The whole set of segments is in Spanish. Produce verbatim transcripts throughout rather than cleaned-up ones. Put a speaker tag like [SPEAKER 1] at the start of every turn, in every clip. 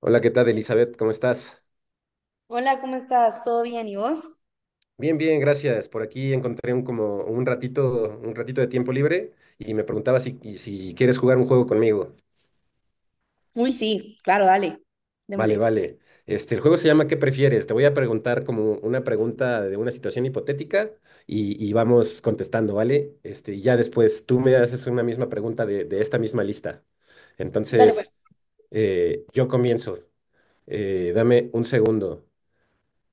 [SPEAKER 1] Hola, ¿qué tal, Elizabeth? ¿Cómo estás?
[SPEAKER 2] Hola, ¿cómo estás? ¿Todo bien? ¿Y vos?
[SPEAKER 1] Bien, bien, gracias. Por aquí encontré un como un ratito, un ratito de tiempo libre y me preguntaba si, y si quieres jugar un juego conmigo.
[SPEAKER 2] Uy, sí, claro, dale,
[SPEAKER 1] Vale,
[SPEAKER 2] démosle.
[SPEAKER 1] vale. Este, el juego se llama ¿Qué prefieres? Te voy a preguntar como una pregunta de una situación hipotética y, y vamos contestando, ¿vale? Este, y ya después tú me haces una misma pregunta de, de esta misma lista.
[SPEAKER 2] Dale, pues.
[SPEAKER 1] Entonces, eh, yo comienzo. Eh, dame un segundo.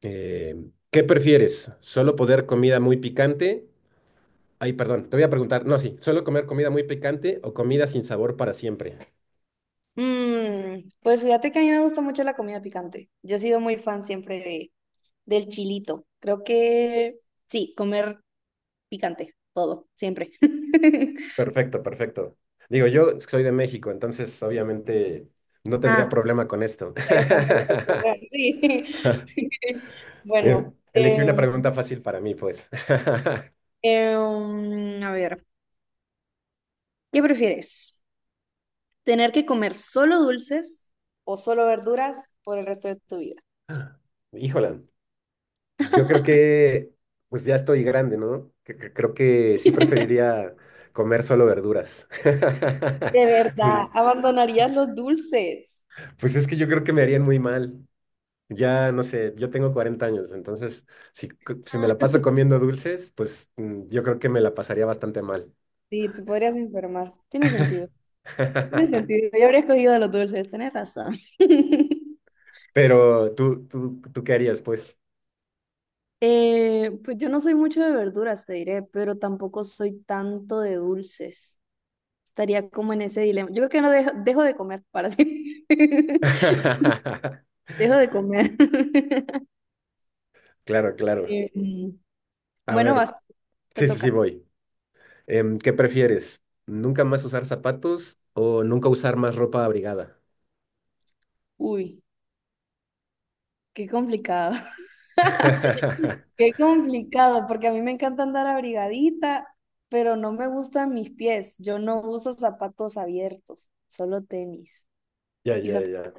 [SPEAKER 1] Eh, ¿Qué prefieres? ¿Solo poder comida muy picante? Ay, perdón, te voy a preguntar. No, sí, ¿suelo comer comida muy picante o comida sin sabor para siempre?
[SPEAKER 2] Mm, pues fíjate que a mí me gusta mucho la comida picante. Yo he sido muy fan siempre de, del chilito. Creo que sí, comer picante, todo, siempre.
[SPEAKER 1] Perfecto, perfecto. Digo, yo soy de México, entonces obviamente no tendría
[SPEAKER 2] Ah,
[SPEAKER 1] problema con esto.
[SPEAKER 2] pero tampoco por comer, sí, sí.
[SPEAKER 1] Eh,
[SPEAKER 2] Bueno,
[SPEAKER 1] Elegí una
[SPEAKER 2] em,
[SPEAKER 1] pregunta fácil para mí, pues.
[SPEAKER 2] em, a ver, ¿qué prefieres? ¿Tener que comer solo dulces o solo verduras por el resto de tu vida?
[SPEAKER 1] Híjola, yo creo que pues ya estoy grande, ¿no? Que- que- Creo que sí preferiría comer solo verduras.
[SPEAKER 2] ¿De verdad,
[SPEAKER 1] Sí,
[SPEAKER 2] abandonarías los dulces?
[SPEAKER 1] pues es que yo creo que me harían muy mal. Ya, no sé, yo tengo cuarenta años, entonces si, c- si me la
[SPEAKER 2] Ah.
[SPEAKER 1] paso comiendo dulces, pues mm, yo creo que me la pasaría bastante mal.
[SPEAKER 2] Sí, te podrías enfermar. Tiene sentido. Tiene sentido. Yo habría escogido los dulces, tenés razón.
[SPEAKER 1] Pero tú, tú, ¿tú qué harías, pues?
[SPEAKER 2] Eh, pues yo no soy mucho de verduras, te diré, pero tampoco soy tanto de dulces. Estaría como en ese dilema. Yo creo que no dejo, dejo de comer para siempre. Dejo de comer.
[SPEAKER 1] Claro, claro.
[SPEAKER 2] Em,
[SPEAKER 1] A
[SPEAKER 2] bueno,
[SPEAKER 1] ver,
[SPEAKER 2] vas, te
[SPEAKER 1] sí, sí, sí,
[SPEAKER 2] toca.
[SPEAKER 1] voy. Em, ¿qué prefieres? ¿Nunca más usar zapatos o nunca usar más ropa abrigada?
[SPEAKER 2] Uy, qué complicado. Qué complicado, porque a mí me encanta andar abrigadita, pero no me gustan mis pies. Yo no uso zapatos abiertos, solo tenis
[SPEAKER 1] Ya,
[SPEAKER 2] y
[SPEAKER 1] ya,
[SPEAKER 2] zapatos.
[SPEAKER 1] ya.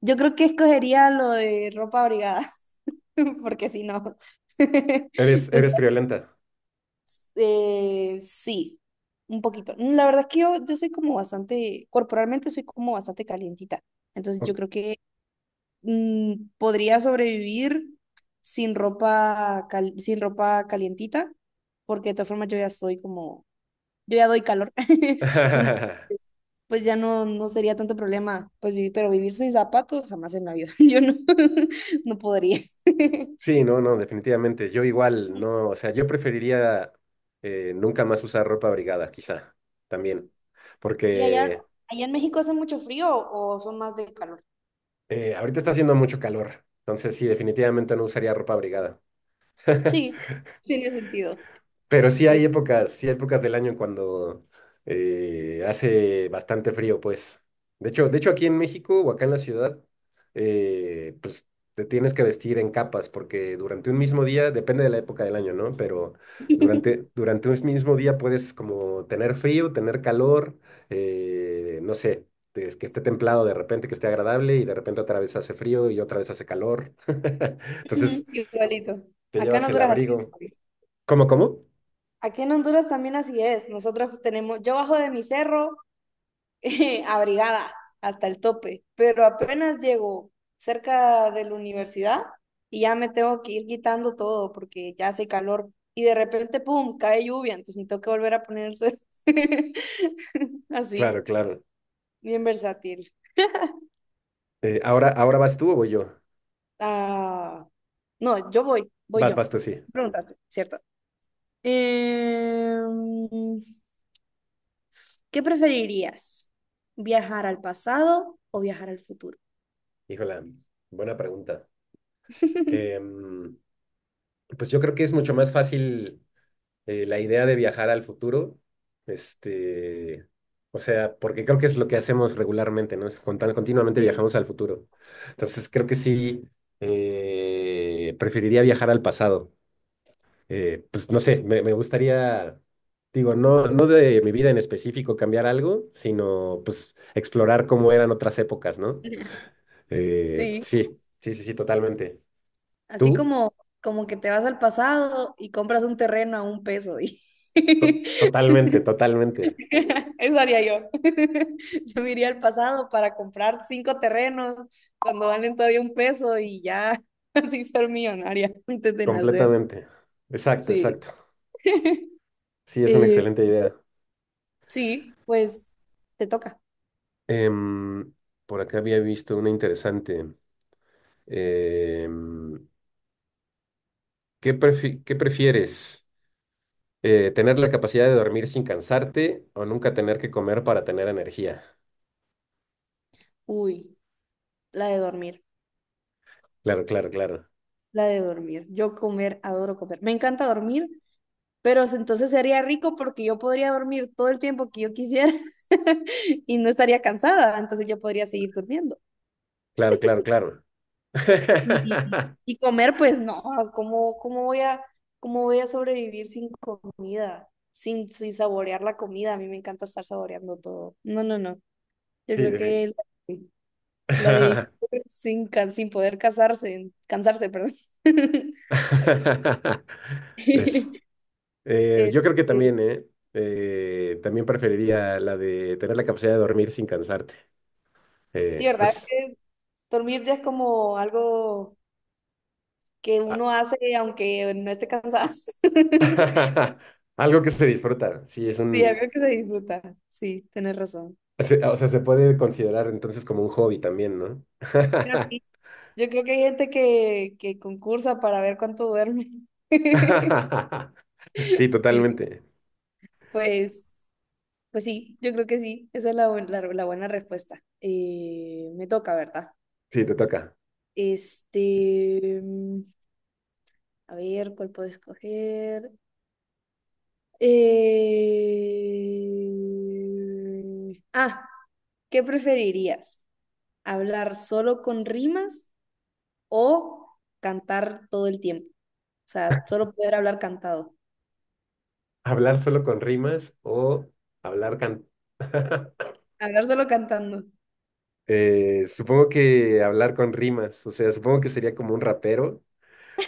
[SPEAKER 2] Yo creo que escogería lo de ropa abrigada, porque si no,
[SPEAKER 1] Eres,
[SPEAKER 2] usas,
[SPEAKER 1] eres friolenta.
[SPEAKER 2] eh, sí, un poquito. La verdad es que yo, yo soy como bastante, corporalmente soy como bastante calientita. Entonces yo
[SPEAKER 1] Ok.
[SPEAKER 2] creo que mm, podría sobrevivir sin ropa, cal- sin ropa calientita, porque de todas formas yo ya soy como, yo ya doy calor. Entonces, pues ya no, no sería tanto problema, pues vivir, pero vivir sin zapatos jamás en la vida. Yo no, no podría.
[SPEAKER 1] Sí, no, no, definitivamente. Yo igual, no, o sea, yo preferiría eh, nunca más usar ropa abrigada, quizá, también,
[SPEAKER 2] ¿Y allá,
[SPEAKER 1] porque
[SPEAKER 2] allá en México hace mucho frío o son más de calor?
[SPEAKER 1] eh, ahorita está haciendo mucho calor, entonces sí, definitivamente no usaría ropa abrigada.
[SPEAKER 2] Sí, tiene sentido.
[SPEAKER 1] Pero sí
[SPEAKER 2] Eh,
[SPEAKER 1] hay épocas, sí hay épocas del año cuando eh, hace bastante frío, pues. De hecho, de hecho, aquí en México o acá en la ciudad, eh, pues te tienes que vestir en capas, porque durante un mismo día, depende de la época del año, ¿no? Pero durante, durante un mismo día puedes como tener frío, tener calor, eh, no sé, es que esté templado de repente, que esté agradable, y de repente otra vez hace frío y otra vez hace calor. Entonces,
[SPEAKER 2] igualito.
[SPEAKER 1] te
[SPEAKER 2] Acá en
[SPEAKER 1] llevas el
[SPEAKER 2] Honduras así
[SPEAKER 1] abrigo.
[SPEAKER 2] es.
[SPEAKER 1] ¿Cómo, cómo?
[SPEAKER 2] Aquí en Honduras también así es. Nosotros tenemos, yo bajo de mi cerro eh, abrigada hasta el tope, pero apenas llego cerca de la universidad y ya me tengo que ir quitando todo porque ya hace calor y de repente, ¡pum!, cae lluvia, entonces me tengo que volver a poner el suéter.
[SPEAKER 1] Claro,
[SPEAKER 2] Así,
[SPEAKER 1] claro.
[SPEAKER 2] bien versátil.
[SPEAKER 1] Eh, ahora, ahora vas tú o voy yo.
[SPEAKER 2] Ah, no, yo voy, voy
[SPEAKER 1] Vas,
[SPEAKER 2] yo.
[SPEAKER 1] vas tú, sí.
[SPEAKER 2] Preguntaste, ¿cierto? Em, ¿qué preferirías? ¿Viajar al pasado o viajar al futuro?
[SPEAKER 1] Híjola, buena pregunta. Em, pues yo creo que es mucho más fácil eh, la idea de viajar al futuro. Este, o sea, porque creo que es lo que hacemos regularmente, ¿no? Es contan- continuamente
[SPEAKER 2] Sí.
[SPEAKER 1] viajamos al futuro. Entonces creo que sí, eh, preferiría viajar al pasado. Eh, pues no sé, me, me gustaría, digo, no, no de mi vida en específico cambiar algo, sino pues explorar cómo eran otras épocas, ¿no? Eh,
[SPEAKER 2] Sí.
[SPEAKER 1] sí, sí, sí, sí, totalmente.
[SPEAKER 2] Así
[SPEAKER 1] ¿Tú?
[SPEAKER 2] como, como que te vas al pasado y compras un terreno a un peso, y
[SPEAKER 1] To- totalmente, totalmente,
[SPEAKER 2] eso haría yo. Yo me iría al pasado para comprar cinco terrenos cuando valen todavía un peso y ya así ser millonaria antes de nacer.
[SPEAKER 1] completamente. Exacto,
[SPEAKER 2] Sí.
[SPEAKER 1] exacto. Sí, es una
[SPEAKER 2] Eh,
[SPEAKER 1] excelente idea.
[SPEAKER 2] sí, pues te toca.
[SPEAKER 1] Em, por acá había visto una interesante. Em, ¿qué prefi- qué prefieres? Eh, ¿tener la capacidad de dormir sin cansarte o nunca tener que comer para tener energía?
[SPEAKER 2] Uy, la de dormir.
[SPEAKER 1] Claro, claro, claro.
[SPEAKER 2] La de dormir. Yo comer, adoro comer. Me encanta dormir, pero entonces sería rico porque yo podría dormir todo el tiempo que yo quisiera y no estaría cansada, entonces yo podría seguir durmiendo.
[SPEAKER 1] Claro, claro, claro.
[SPEAKER 2] Y Y comer, pues no, ah, ¿cómo, cómo voy a, cómo voy a sobrevivir sin comida? Sin, sin saborear la comida, a mí me encanta estar saboreando todo. No, no, no. Yo
[SPEAKER 1] Sí,
[SPEAKER 2] creo
[SPEAKER 1] de fin.
[SPEAKER 2] que la, la de vivir sin, can- sin poder casarse, cansarse, perdón.
[SPEAKER 1] Es- Eh, yo creo que
[SPEAKER 2] Este,
[SPEAKER 1] también, ¿eh? Eh, también preferiría la de tener la capacidad de dormir sin cansarte.
[SPEAKER 2] sí,
[SPEAKER 1] Eh,
[SPEAKER 2] ¿verdad?
[SPEAKER 1] pues,
[SPEAKER 2] Dormir ya es como algo que
[SPEAKER 1] a-
[SPEAKER 2] uno hace aunque no esté cansado.
[SPEAKER 1] algo que se disfruta. Sí, es
[SPEAKER 2] Sí,
[SPEAKER 1] un...
[SPEAKER 2] algo que se disfruta. Sí, tienes razón.
[SPEAKER 1] se- O sea, se puede considerar entonces como un hobby también, ¿no?
[SPEAKER 2] Creo que sí. Yo creo que hay gente que, que concursa para ver cuánto duerme.
[SPEAKER 1] Sí,
[SPEAKER 2] Sí,
[SPEAKER 1] totalmente.
[SPEAKER 2] pues, pues sí, yo creo que sí. Esa es la, bu- la- la buena respuesta. Eh, me toca, ¿verdad?
[SPEAKER 1] Sí, te toca.
[SPEAKER 2] Este, mm, a ver, ¿cuál puedo escoger? Eh, Ah, ¿Qué preferirías? ¿Hablar solo con rimas o cantar todo el tiempo? O sea, solo poder hablar cantado.
[SPEAKER 1] ¿Hablar solo con rimas o hablar can...
[SPEAKER 2] Hablar solo cantando.
[SPEAKER 1] Eh, supongo que hablar con rimas, o sea, supongo que sería como un rapero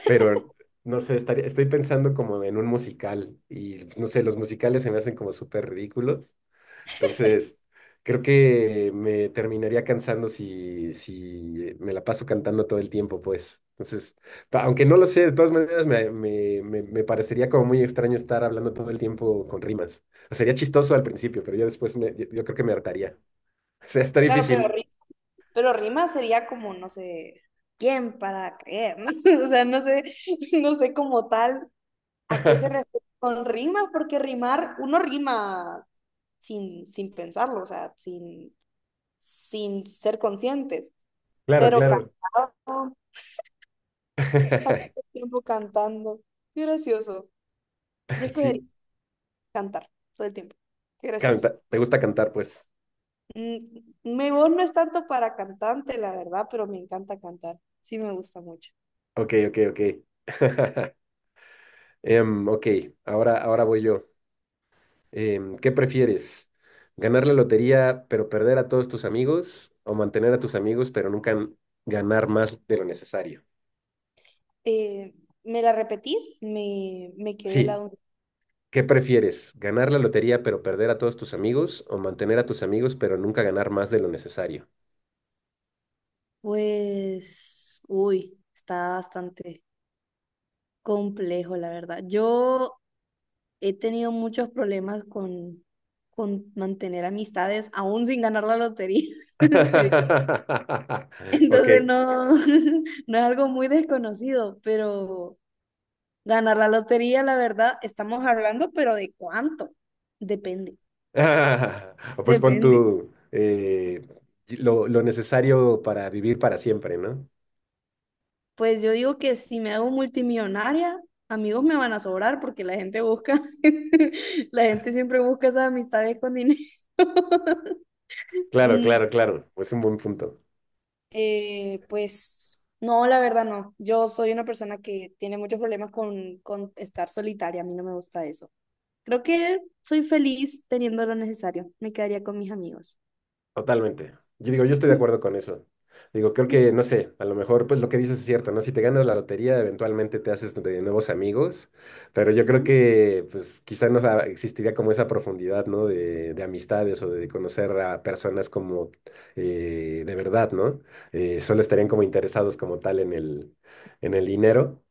[SPEAKER 1] pero no sé, estaría, estoy pensando como en un musical y pues, no sé, los musicales se me hacen como súper ridículos. Entonces, creo que me terminaría cansando si, si me la paso cantando todo el tiempo, pues. Entonces, pa- aunque no lo sé, de todas maneras me, me, me, me parecería como muy extraño estar hablando todo el tiempo con rimas. O sería chistoso al principio, pero yo después me- yo, yo creo que me hartaría. O sea, está
[SPEAKER 2] Claro, pero,
[SPEAKER 1] difícil.
[SPEAKER 2] ri- pero rimas sería como, no sé, ¿quién para qué? O sea, no sé, no sé como tal a qué se refiere con rimas, porque rimar, uno rima sin, sin pensarlo, o sea, sin, sin ser conscientes,
[SPEAKER 1] Claro,
[SPEAKER 2] pero
[SPEAKER 1] claro.
[SPEAKER 2] cantado, al mismo tiempo cantando. Qué gracioso. Yo escogería
[SPEAKER 1] Sí,
[SPEAKER 2] cantar todo el tiempo. Qué gracioso.
[SPEAKER 1] canta. ¿Te gusta cantar, pues?
[SPEAKER 2] Mm, mi voz no es tanto para cantante, la verdad, pero me encanta cantar. Sí, me gusta mucho.
[SPEAKER 1] Ok, ok, ok. Em, ok, ahora, ahora voy yo. Em, ¿qué prefieres? ¿Ganar la lotería pero perder a todos tus amigos? ¿O mantener a tus amigos pero nunca n- ganar más de lo necesario?
[SPEAKER 2] Eh, ¿me la repetís? Me, me quedé la
[SPEAKER 1] Sí,
[SPEAKER 2] duda.
[SPEAKER 1] ¿qué prefieres? ¿Ganar la lotería pero perder a todos tus amigos? ¿O mantener a tus amigos pero nunca ganar más de lo necesario?
[SPEAKER 2] Pues, uy, está bastante complejo, la verdad. Yo he tenido muchos problemas con, con mantener amistades, aún sin ganar la lotería, te diré.
[SPEAKER 1] Ok.
[SPEAKER 2] Entonces, no, no es algo muy desconocido, pero ganar la lotería, la verdad, estamos hablando, pero ¿de cuánto? Depende,
[SPEAKER 1] Ah, pues pon
[SPEAKER 2] depende.
[SPEAKER 1] tú eh, lo, lo necesario para vivir para siempre, ¿no?
[SPEAKER 2] Pues yo digo que si me hago multimillonaria, amigos me van a sobrar porque la gente busca, la gente siempre busca esas amistades con dinero.
[SPEAKER 1] Claro,
[SPEAKER 2] Mm,
[SPEAKER 1] claro, claro. Es un buen punto.
[SPEAKER 2] eh, pues no, la verdad no. Yo soy una persona que tiene muchos problemas con, con estar solitaria. A mí no me gusta eso. Creo que soy feliz teniendo lo necesario. Me quedaría con mis amigos.
[SPEAKER 1] Totalmente. Yo digo, yo estoy de
[SPEAKER 2] Ujú,
[SPEAKER 1] acuerdo con eso. Digo, creo que, no sé, a lo mejor pues lo que dices es cierto, ¿no? Si te ganas la lotería, eventualmente te haces de nuevos amigos, pero yo creo
[SPEAKER 2] ujú,
[SPEAKER 1] que pues quizá no sa- existiría como esa profundidad, ¿no? De, de amistades o de conocer a personas como eh, de verdad, ¿no? Eh, solo estarían
[SPEAKER 2] ujú.
[SPEAKER 1] como interesados como tal en el, en el dinero.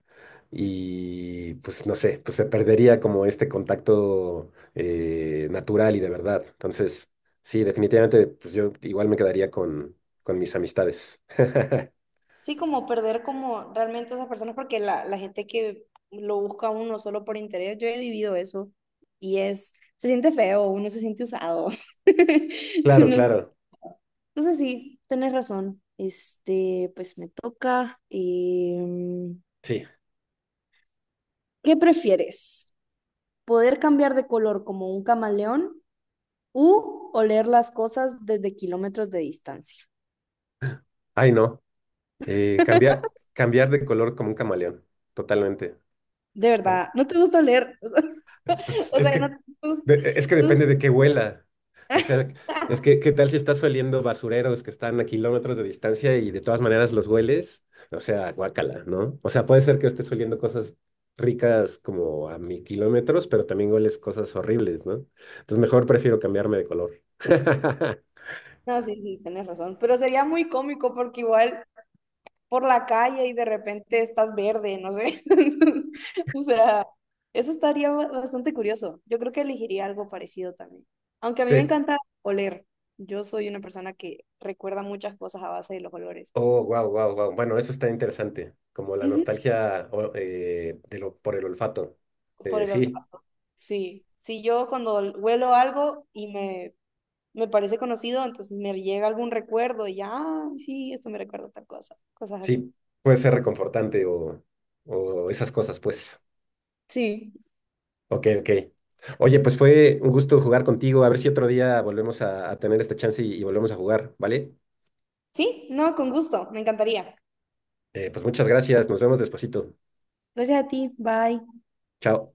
[SPEAKER 1] Y pues no sé, pues se perdería como este contacto eh, natural y de verdad. Entonces, sí, definitivamente, pues yo igual me quedaría con, con mis amistades.
[SPEAKER 2] Sí, como perder como realmente esas personas, porque la, la gente que lo busca a uno solo por interés, yo he vivido eso y es, se siente feo, uno se siente usado.
[SPEAKER 1] Claro,
[SPEAKER 2] Uno,
[SPEAKER 1] claro,
[SPEAKER 2] entonces sí, tenés razón. Este, pues me toca. Em,
[SPEAKER 1] sí.
[SPEAKER 2] ¿qué prefieres? ¿Poder cambiar de color como un camaleón u oler las cosas desde kilómetros de distancia?
[SPEAKER 1] Ay, no. Eh, cambiar, cambiar de color como un camaleón, totalmente.
[SPEAKER 2] De verdad, ¿no te gusta oler?
[SPEAKER 1] Pues
[SPEAKER 2] O
[SPEAKER 1] es
[SPEAKER 2] sea, no
[SPEAKER 1] que,
[SPEAKER 2] te
[SPEAKER 1] de- es que depende de
[SPEAKER 2] gusta.
[SPEAKER 1] qué huela. O sea, es que, ¿qué tal si estás oliendo basureros que están a kilómetros de distancia y de todas maneras los hueles? O sea, guácala, ¿no? O sea, puede ser que estés oliendo cosas ricas como a mil kilómetros, pero también hueles cosas horribles, ¿no? Entonces, mejor prefiero cambiarme de color.
[SPEAKER 2] No, sí, sí, tienes razón. Pero sería muy cómico porque igual por la calle y de repente estás verde, no sé. O sea, eso estaría ba- bastante curioso. Yo creo que elegiría algo parecido también. Aunque a mí me
[SPEAKER 1] Sí.
[SPEAKER 2] encanta oler. Yo soy una persona que recuerda muchas cosas a base de los olores.
[SPEAKER 1] Oh, wow, wow, wow. Bueno, eso está interesante. Como la
[SPEAKER 2] Ujú.
[SPEAKER 1] nostalgia o- eh, de lo, por el olfato.
[SPEAKER 2] Por
[SPEAKER 1] Eh,
[SPEAKER 2] el
[SPEAKER 1] sí.
[SPEAKER 2] olfato. Sí. Si yo cuando ol- huelo algo y me, me parece conocido, entonces me llega algún recuerdo y ya, "Ah, sí, esto me recuerda a tal cosa". Cosas así.
[SPEAKER 1] Sí, puede ser reconfortante o, o esas cosas, pues.
[SPEAKER 2] Sí,
[SPEAKER 1] Ok, ok. Oye, pues fue un gusto jugar contigo. A ver si otro día volvemos a, a tener esta chance y, y volvemos a jugar, ¿vale?
[SPEAKER 2] sí, no, con gusto, me encantaría.
[SPEAKER 1] Eh, pues muchas gracias. Nos vemos despuesito.
[SPEAKER 2] Gracias a ti, bye.
[SPEAKER 1] Chao.